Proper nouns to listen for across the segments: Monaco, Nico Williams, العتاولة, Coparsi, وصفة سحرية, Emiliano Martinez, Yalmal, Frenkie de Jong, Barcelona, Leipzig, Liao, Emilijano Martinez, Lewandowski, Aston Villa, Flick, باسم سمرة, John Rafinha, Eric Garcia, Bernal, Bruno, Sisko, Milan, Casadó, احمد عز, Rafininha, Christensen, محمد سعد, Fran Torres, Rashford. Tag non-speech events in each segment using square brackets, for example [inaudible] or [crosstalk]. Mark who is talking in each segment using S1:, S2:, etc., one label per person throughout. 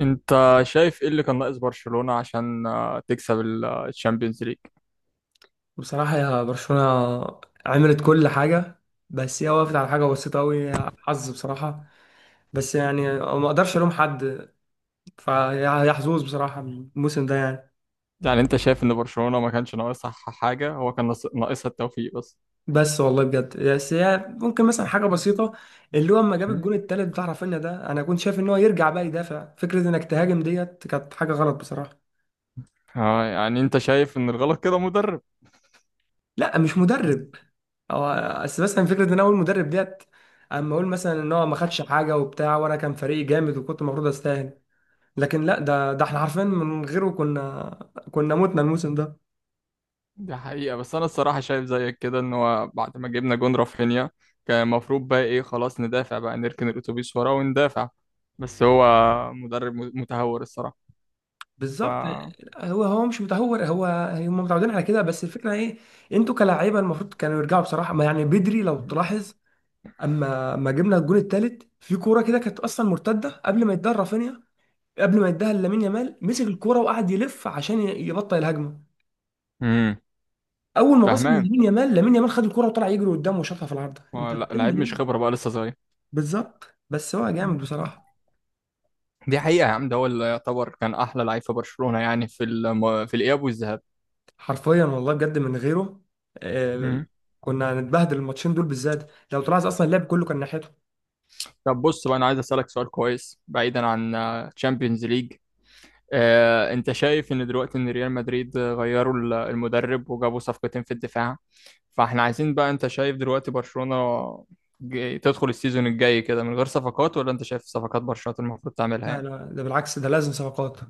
S1: انت شايف ايه اللي كان ناقص برشلونة عشان تكسب الشامبيونز ليج؟
S2: بصراحة يا برشلونة، عملت كل حاجة. بس هي وقفت على حاجة بسيطة أوي، حظ بصراحة. بس يعني ما أقدرش ألوم حد. فهي حظوظ بصراحة الموسم ده يعني.
S1: يعني انت شايف ان برشلونة ما كانش ناقصها حاجة؟ هو كان ناقصها التوفيق بس.
S2: بس والله بجد، بس هي ممكن مثلا حاجة بسيطة اللي هو أما جاب
S1: مم.
S2: الجون التالت بتاع رافينيا ده، أنا كنت شايف إن هو يرجع بقى يدافع، فكرة إنك تهاجم ديت كانت حاجة غلط بصراحة.
S1: اه، يعني انت شايف ان الغلط كده مدرب؟
S2: لا مش مدرب، أو بس مثلا فكرة إن أول مدرب ديت. أما أقول مثلا إن هو ما خدش حاجة وبتاع وأنا كان فريقي جامد وكنت المفروض أستاهل، لكن لا، ده احنا عارفين من غيره كنا، كنا متنا الموسم ده.
S1: دي حقيقة، بس انا الصراحة شايف زيك كده ان هو بعد ما جبنا جون رافينيا كان المفروض بقى ايه، خلاص ندافع بقى، نركن الاتوبيس ورا وندافع. بس هو مدرب متهور الصراحة. ف
S2: بالظبط. هو مش متهور، هو هم متعودين على كده. بس الفكره ايه، انتوا كلاعيبه المفروض كانوا يرجعوا بصراحه، ما يعني بدري لو تلاحظ. اما ما جبنا الجون الثالث في كوره كده كانت اصلا مرتده قبل ما يديها رافينيا، قبل ما يديها لامين يامال مسك الكوره وقعد يلف عشان يبطئ الهجمه.
S1: امم
S2: اول ما باص
S1: فاهمان.
S2: لامين يامال، لامين يامال خد الكوره وطلع يجري قدامه وشاطها في العارضه،
S1: هو
S2: انت
S1: لعيب
S2: بتعمل
S1: مش
S2: ايه؟
S1: خبرة، بقى لسه صغير.
S2: بالظبط. بس هو جامد بصراحه،
S1: دي حقيقة يا عم، ده هو اللي يعتبر كان أحلى لعيب في برشلونة، يعني في الإياب والذهاب.
S2: حرفيا والله بجد، من غيره آه،
S1: مم.
S2: كنا هنتبهدل الماتشين دول بالذات. لو تلاحظ اصلا اللعب كله كان ناحيته.
S1: طب بص بقى، أنا عايز أسألك سؤال كويس بعيدا عن تشامبيونز ليج. أنت شايف إن دلوقتي إن ريال مدريد غيروا المدرب وجابوا صفقتين في الدفاع، فإحنا عايزين بقى، أنت شايف دلوقتي برشلونة تدخل السيزون الجاي كده من غير صفقات، ولا أنت شايف صفقات برشلونة المفروض تعملها
S2: لا
S1: يعني؟
S2: لا، ده بالعكس، ده لازم صفقات.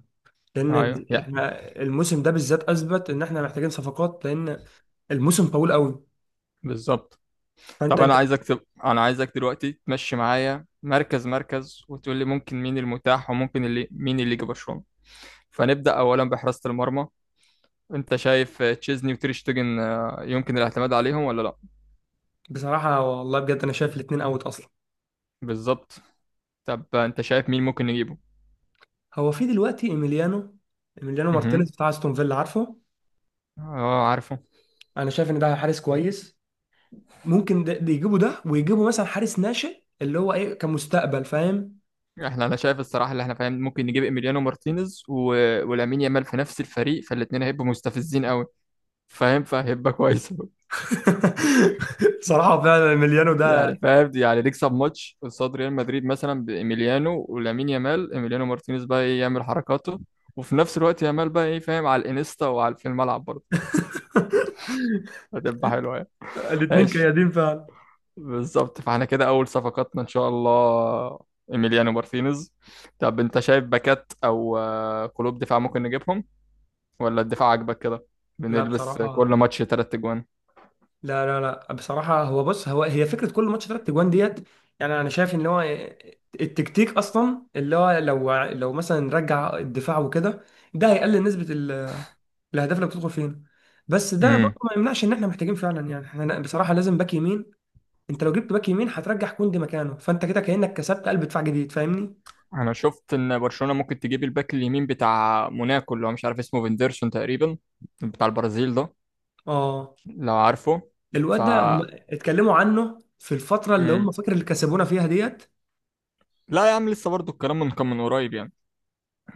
S2: لان
S1: أيوه يا.
S2: احنا الموسم ده بالذات اثبت ان احنا محتاجين صفقات. لان الموسم طويل قوي،
S1: بالظبط.
S2: فانت
S1: طب
S2: انت
S1: انا عايزك دلوقتي تمشي معايا مركز مركز وتقول لي ممكن مين المتاح وممكن اللي مين اللي يجي برشلونة. فنبدأ اولا بحراسة المرمى. انت شايف تشيزني وتير شتيجن يمكن الاعتماد عليهم ولا لا؟
S2: بصراحه والله بجد انا شايف الاثنين اوت اصلا.
S1: بالظبط. طب انت شايف مين ممكن نجيبه؟
S2: هو في دلوقتي ايميليانو، ايميليانو
S1: اها.
S2: مارتينيز بتاع استون فيلا، عارفه.
S1: اه، عارفه.
S2: انا شايف ان ده حارس كويس، ممكن ده يجيبوا ده، ويجيبوا مثلا حارس ناشئ اللي هو ايه كمستقبل، فاهم.
S1: انا شايف الصراحه، اللي احنا فاهم ممكن نجيب ايميليانو مارتينيز ولامين يامال في نفس الفريق، فالاثنين هيبقوا مستفزين قوي، فاهم، فهيبقى كويس. [laughs]
S2: [laughs] بصراحة فعلا المليانو ده
S1: يعني فاهم، يعني نكسب ماتش قصاد ريال مدريد مثلا بإيميليانو ولامين يامال، إيميليانو مارتينيز بقى إيه يعمل حركاته، وفي نفس الوقت يامال بقى إيه، فاهم، على الإنستا وعلى في الملعب برضه.
S2: [laughs]
S1: هتبقى حلوة يعني.
S2: الاتنين
S1: ماشي.
S2: كيادين فعلا.
S1: بالظبط، فاحنا كده أول صفقاتنا إن شاء الله إيميليانو مارتينيز. طب أنت شايف باكات أو قلوب دفاع ممكن نجيبهم، ولا الدفاع عاجبك كده؟
S2: لا
S1: بنلبس كل
S2: بصراحة،
S1: ماتش 3 أجوان؟
S2: لا لا لا بصراحة، هو بص هو هي فكرة كل ماتش تلات اجوان ديت. يعني انا شايف ان هو التكتيك اصلا، اللي هو لو مثلا نرجع الدفاع وكده، ده هيقلل نسبة الاهداف اللي بتدخل فينا. بس ده برضه ما يمنعش ان احنا محتاجين فعلا، يعني احنا بصراحة لازم باك يمين. انت لو جبت باك يمين هترجع كوندي مكانه، فانت كده كأنك كسبت قلب دفاع جديد، فاهمني؟
S1: انا شفت ان برشلونة ممكن تجيب الباك اليمين بتاع موناكو، اللي هو مش عارف اسمه، فيندرسون تقريبا، بتاع البرازيل ده،
S2: اه،
S1: لو عارفه. ف
S2: الواد ده هم اتكلموا عنه في الفترة اللي
S1: مم.
S2: هم فاكر اللي كسبونا فيها ديت.
S1: لا يا عم، لسه برضو الكلام من كان من قريب يعني.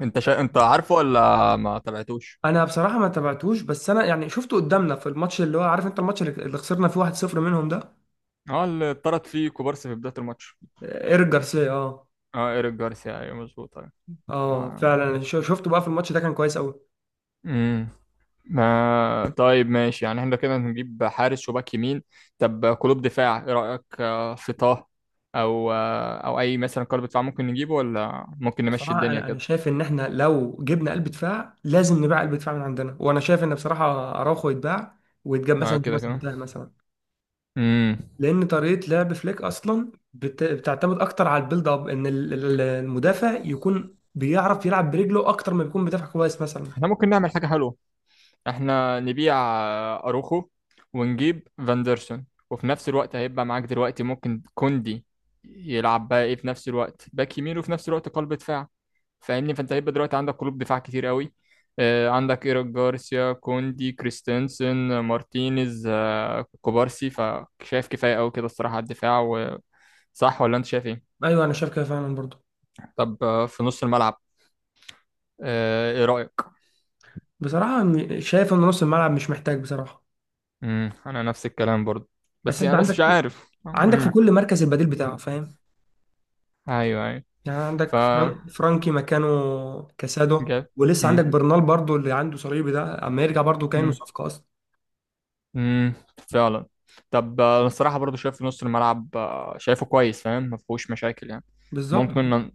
S1: انت عارفه ولا ما تابعتوش؟
S2: انا بصراحة ما تابعتوش، بس انا يعني شفته قدامنا في الماتش اللي هو عارف انت، الماتش اللي خسرنا فيه 1-0 منهم ده،
S1: اه، اللي اتطرد فيه كوبارسي في بداية الماتش.
S2: ايريك جارسيا، اه.
S1: اه، ايريك جارسيا، ايوه مظبوط، ايوه.
S2: اه
S1: آه.
S2: فعلا شفته بقى في الماتش ده كان كويس قوي.
S1: مم. ما طيب، ماشي، يعني احنا كده هنجيب حارس وباك يمين. طب قلوب دفاع، ايه رأيك في طه؟ او اي مثلا قلب دفاع ممكن نجيبه، ولا ممكن نمشي
S2: بصراحة
S1: الدنيا
S2: انا
S1: كده؟
S2: شايف ان احنا لو جبنا قلب دفاع لازم نبيع قلب دفاع من عندنا، وانا شايف ان بصراحة اراوخو يتباع ويتجاب مثلا في
S1: كده
S2: مثلا
S1: كده.
S2: بتاع مثلا.
S1: امم
S2: لان طريقه لعب فليك اصلا بتعتمد اكتر على البيلد اب، ان المدافع يكون بيعرف يلعب برجله اكتر ما بيكون بيدافع كويس مثلا.
S1: احنا ممكن نعمل حاجة حلوة، احنا نبيع اروخو، ونجيب فاندرسون، وفي نفس الوقت هيبقى معاك دلوقتي ممكن كوندي يلعب بقى ايه في نفس الوقت باك يمين وفي نفس الوقت قلب دفاع. فاهمني، فانت هيبقى دلوقتي عندك قلوب دفاع كتير قوي. عندك ايريك جارسيا، كوندي، كريستنسن، مارتينيز، كوبارسي، فشايف كفايه قوي كده الصراحه على الدفاع. صح ولا انت شايف ايه؟
S2: ايوه انا شايف كده فعلا برضو.
S1: طب في نص الملعب، ايه رايك؟
S2: بصراحه شايف ان نص الملعب مش محتاج بصراحه.
S1: انا نفس الكلام برضو،
S2: بس
S1: بس
S2: انت
S1: انا بس مش
S2: عندك
S1: عارف.
S2: عندك في كل مركز البديل بتاعه، فاهم.
S1: ايوه، ايوه.
S2: يعني
S1: ف
S2: عندك فرانكي مكانه، كاسادو،
S1: جاب.
S2: ولسه عندك برنال برضو اللي عنده صليبي ده اما يرجع برضو كانه صفقه اصلا.
S1: امم فعلا. طب انا الصراحه برضو شايف في نص الملعب شايفه كويس، فاهم، ما فيهوش مشاكل يعني. ممكن
S2: بالظبط.
S1: نن...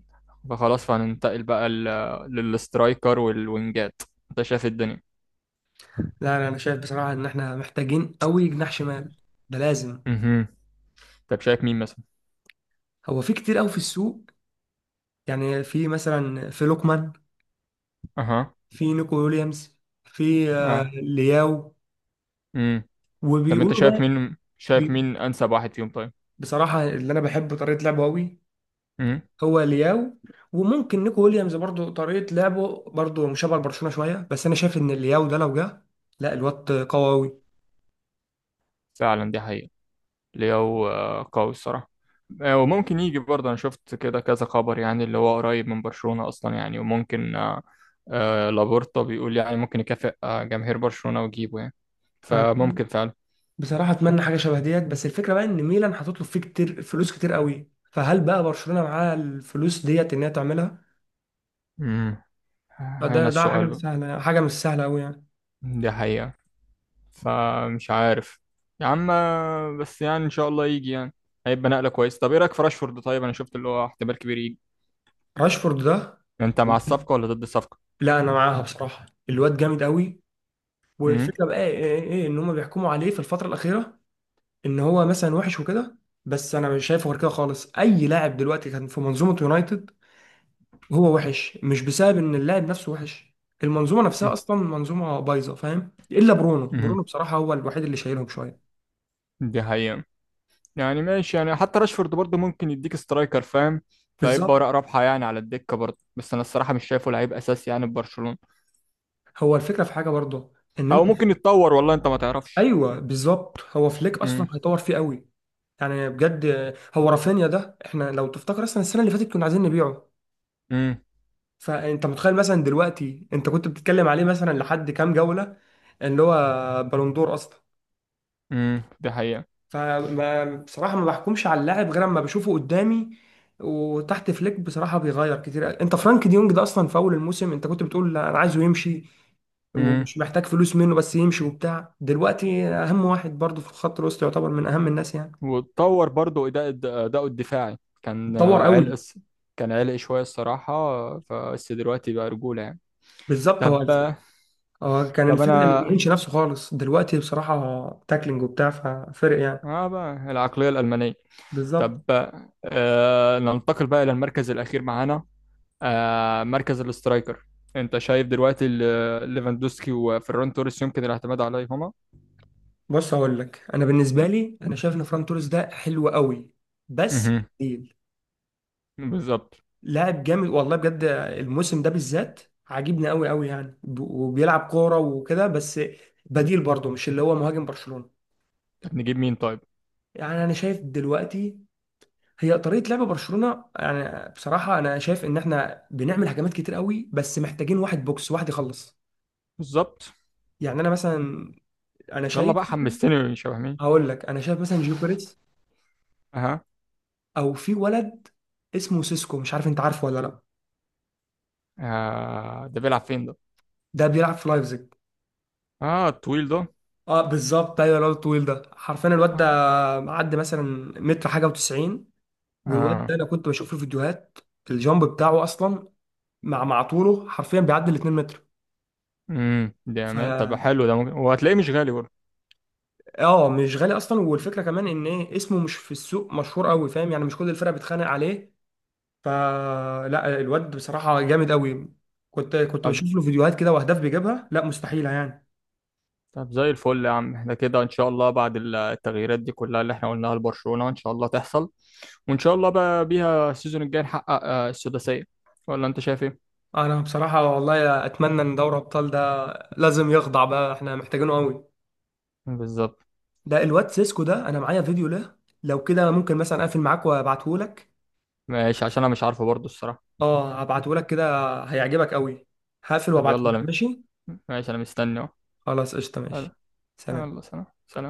S1: فخلاص، فهننتقل بقى للسترايكر والوينجات. انت شايف إيه الدنيا؟
S2: لا لا، انا شايف بصراحه ان احنا محتاجين قوي جناح شمال، ده لازم.
S1: امم طب شايف مين مثلا؟
S2: هو في كتير قوي في السوق، يعني في مثلا في لوكمان،
S1: اها.
S2: في نيكو ويليامز، في لياو،
S1: امم طب انت
S2: وبيقولوا
S1: شايف
S2: بقى.
S1: مين شايف
S2: بي
S1: مين انسب واحد فيهم طيب؟
S2: بصراحة اللي أنا بحب طريقة لعبه أوي
S1: امم
S2: هو لياو، وممكن نيكو ويليامز برضو طريقة لعبه برضو مشابهة لبرشلونة شوية، بس أنا شايف إن لياو ده لو جه، لا الواد قوي أوي.
S1: فعلا، دي حقيقة. لياو قوي الصراحة. وممكن يجي برضه، أنا شفت كده كذا خبر يعني، اللي هو قريب من برشلونة أصلا يعني، وممكن لابورتا بيقول يعني ممكن يكافئ جماهير برشلونة ويجيبه يعني،
S2: أنا
S1: فممكن فعلا.
S2: بصراحة أتمنى حاجة شبه ديت، بس الفكرة بقى إن ميلان هتطلب فيه كتير، فلوس كتير أوي، فهل بقى برشلونة معاها الفلوس ديت إن هي تعملها؟
S1: امم هنا
S2: ده حاجة
S1: السؤال
S2: مش
S1: بقى.
S2: سهلة، حاجة مش سهلة أوي يعني.
S1: دي حقيقة، فمش عارف يا عم. بس يعني إن شاء الله يجي يعني، هيبقى نقلة كويسة. طب إيه رأيك في راشفورد طيب؟ أنا شفت اللي هو احتمال كبير يجي.
S2: راشفورد ده،
S1: أنت مع الصفقة ولا ضد الصفقة؟
S2: لا انا معاها بصراحه، الواد جامد قوي.
S1: امم
S2: والفكره بقى ايه, إيه, إيه ان هم بيحكموا عليه في الفتره الاخيره ان هو مثلا وحش وكده، بس انا مش شايفه غير كده خالص. اي لاعب دلوقتي كان في منظومه يونايتد هو وحش، مش بسبب ان اللاعب نفسه وحش، المنظومه نفسها اصلا منظومه بايظه، فاهم، الا برونو.
S1: أمم.
S2: برونو بصراحه هو الوحيد اللي شايلهم شويه.
S1: دي حقيقة، يعني ماشي، يعني حتى راشفورد برضه ممكن يديك سترايكر، فاهم، فيبقى
S2: بالظبط.
S1: ورق رابحه يعني على الدكه برضه، بس انا الصراحه مش شايفه لعيب اساسي يعني في برشلونه.
S2: هو الفكره في حاجه برضه، ان
S1: او
S2: انت.
S1: ممكن يتطور، والله انت ما
S2: [laughs]
S1: تعرفش.
S2: ايوه بالظبط، هو فليك اصلا
S1: امم
S2: هيطور فيه قوي. يعني بجد، هو رافينيا ده احنا لو تفتكر اصلا السنه اللي فاتت كنا عايزين نبيعه.
S1: امم
S2: فانت متخيل مثلا دلوقتي انت كنت بتتكلم عليه مثلا لحد كام جولة، اللي هو بالندور اصلا.
S1: دي حقيقه.
S2: فما بصراحة ما بحكمش على اللاعب غير اما بشوفه قدامي. وتحت فليك بصراحة بيغير كتير. انت فرانك ديونج ده اصلا في اول الموسم انت كنت بتقول لا، انا عايزه يمشي
S1: امم
S2: ومش محتاج فلوس منه، بس يمشي وبتاع، دلوقتي اهم واحد برضه في الخط الوسط، يعتبر من اهم الناس يعني.
S1: واتطور برضه اداء، اداؤه الدفاعي كان
S2: اتطور قوي.
S1: كان عرق شويه الصراحه، فبس دلوقتي بقى رجوله يعني.
S2: بالظبط.
S1: طب
S2: هو كان
S1: طب
S2: الفكرة ما
S1: انا
S2: بيعينش نفسه خالص، دلوقتي بصراحة تاكلينج وبتاع، ففرق يعني.
S1: اه، بقى العقليه الالمانيه.
S2: بالظبط.
S1: طب ننتقل بقى الى المركز الاخير معانا، مركز الاسترايكر. انت شايف دلوقتي ليفاندوسكي وفيران توريس يمكن الاعتماد عليهما؟
S2: بص هقول لك، انا بالنسبه لي انا شايف ان فران توريس ده حلو قوي، بس
S1: مهم.
S2: تقيل.
S1: بالظبط.
S2: لاعب جامد والله بجد، الموسم ده بالذات عاجبني قوي قوي يعني، وبيلعب كوره وكده، بس بديل برضه، مش اللي هو مهاجم برشلونه.
S1: طب نجيب مين طيب؟
S2: يعني انا شايف دلوقتي، هي طريقه لعب برشلونه يعني، بصراحه انا شايف ان احنا بنعمل هجمات كتير قوي، بس محتاجين واحد بوكس، واحد يخلص.
S1: بالظبط.
S2: يعني انا مثلا، انا
S1: يلا
S2: شايف
S1: بقى،
S2: مثلا،
S1: حمستني شبه مين؟
S2: هقول لك، انا شايف مثلا جيوكريس،
S1: اها.
S2: او في ولد اسمه سيسكو، مش عارف انت عارفه ولا لا.
S1: ده بيلعب فين ده؟
S2: ده بيلعب في لايبزيج.
S1: اه، الطويل ده.
S2: اه بالظبط، ايوه الواد الطويل ده، حرفيا الواد ده
S1: اه.
S2: معدي مثلا متر حاجه و90، والواد
S1: اه.
S2: ده انا كنت بشوف في الفيديوهات الجامب بتاعه اصلا، مع طوله حرفيا بيعدي ال 2 متر.
S1: ده
S2: ف
S1: ما- طب حلو ده، ممكن، وهتلاقيه مش غالي برضه.
S2: اه مش غالي اصلا، والفكره كمان ان ايه اسمه مش في السوق مشهور قوي، فاهم يعني مش كل الفرق بتخانق عليه، فلا الواد بصراحه جامد قوي. كنت
S1: طب
S2: بشوف له فيديوهات كده واهداف بيجيبها، لا مستحيله يعني.
S1: طب زي الفل يا عم، احنا كده ان شاء الله بعد التغييرات دي كلها اللي احنا قلناها لبرشلونة ان شاء الله تحصل، وان شاء الله بقى بيها السيزون الجاي نحقق السداسية، ولا انت شايف ايه؟
S2: انا بصراحه والله اتمنى ان دوري ابطال ده لازم يخضع بقى، احنا محتاجينه قوي.
S1: بالظبط.
S2: ده الواد سيسكو ده انا معايا فيديو له، لو كده ممكن مثلا اقفل معاك وابعته لك.
S1: ماشي، عشان انا مش عارفه برضو الصراحه.
S2: اه هبعته لك كده هيعجبك قوي، هقفل
S1: طب
S2: وابعته
S1: يلا
S2: لك
S1: انا،
S2: ماشي.
S1: ماشي، انا مستني اهو.
S2: خلاص قشطة
S1: يلا.
S2: ماشي. سلام.
S1: يلا سلام سلام.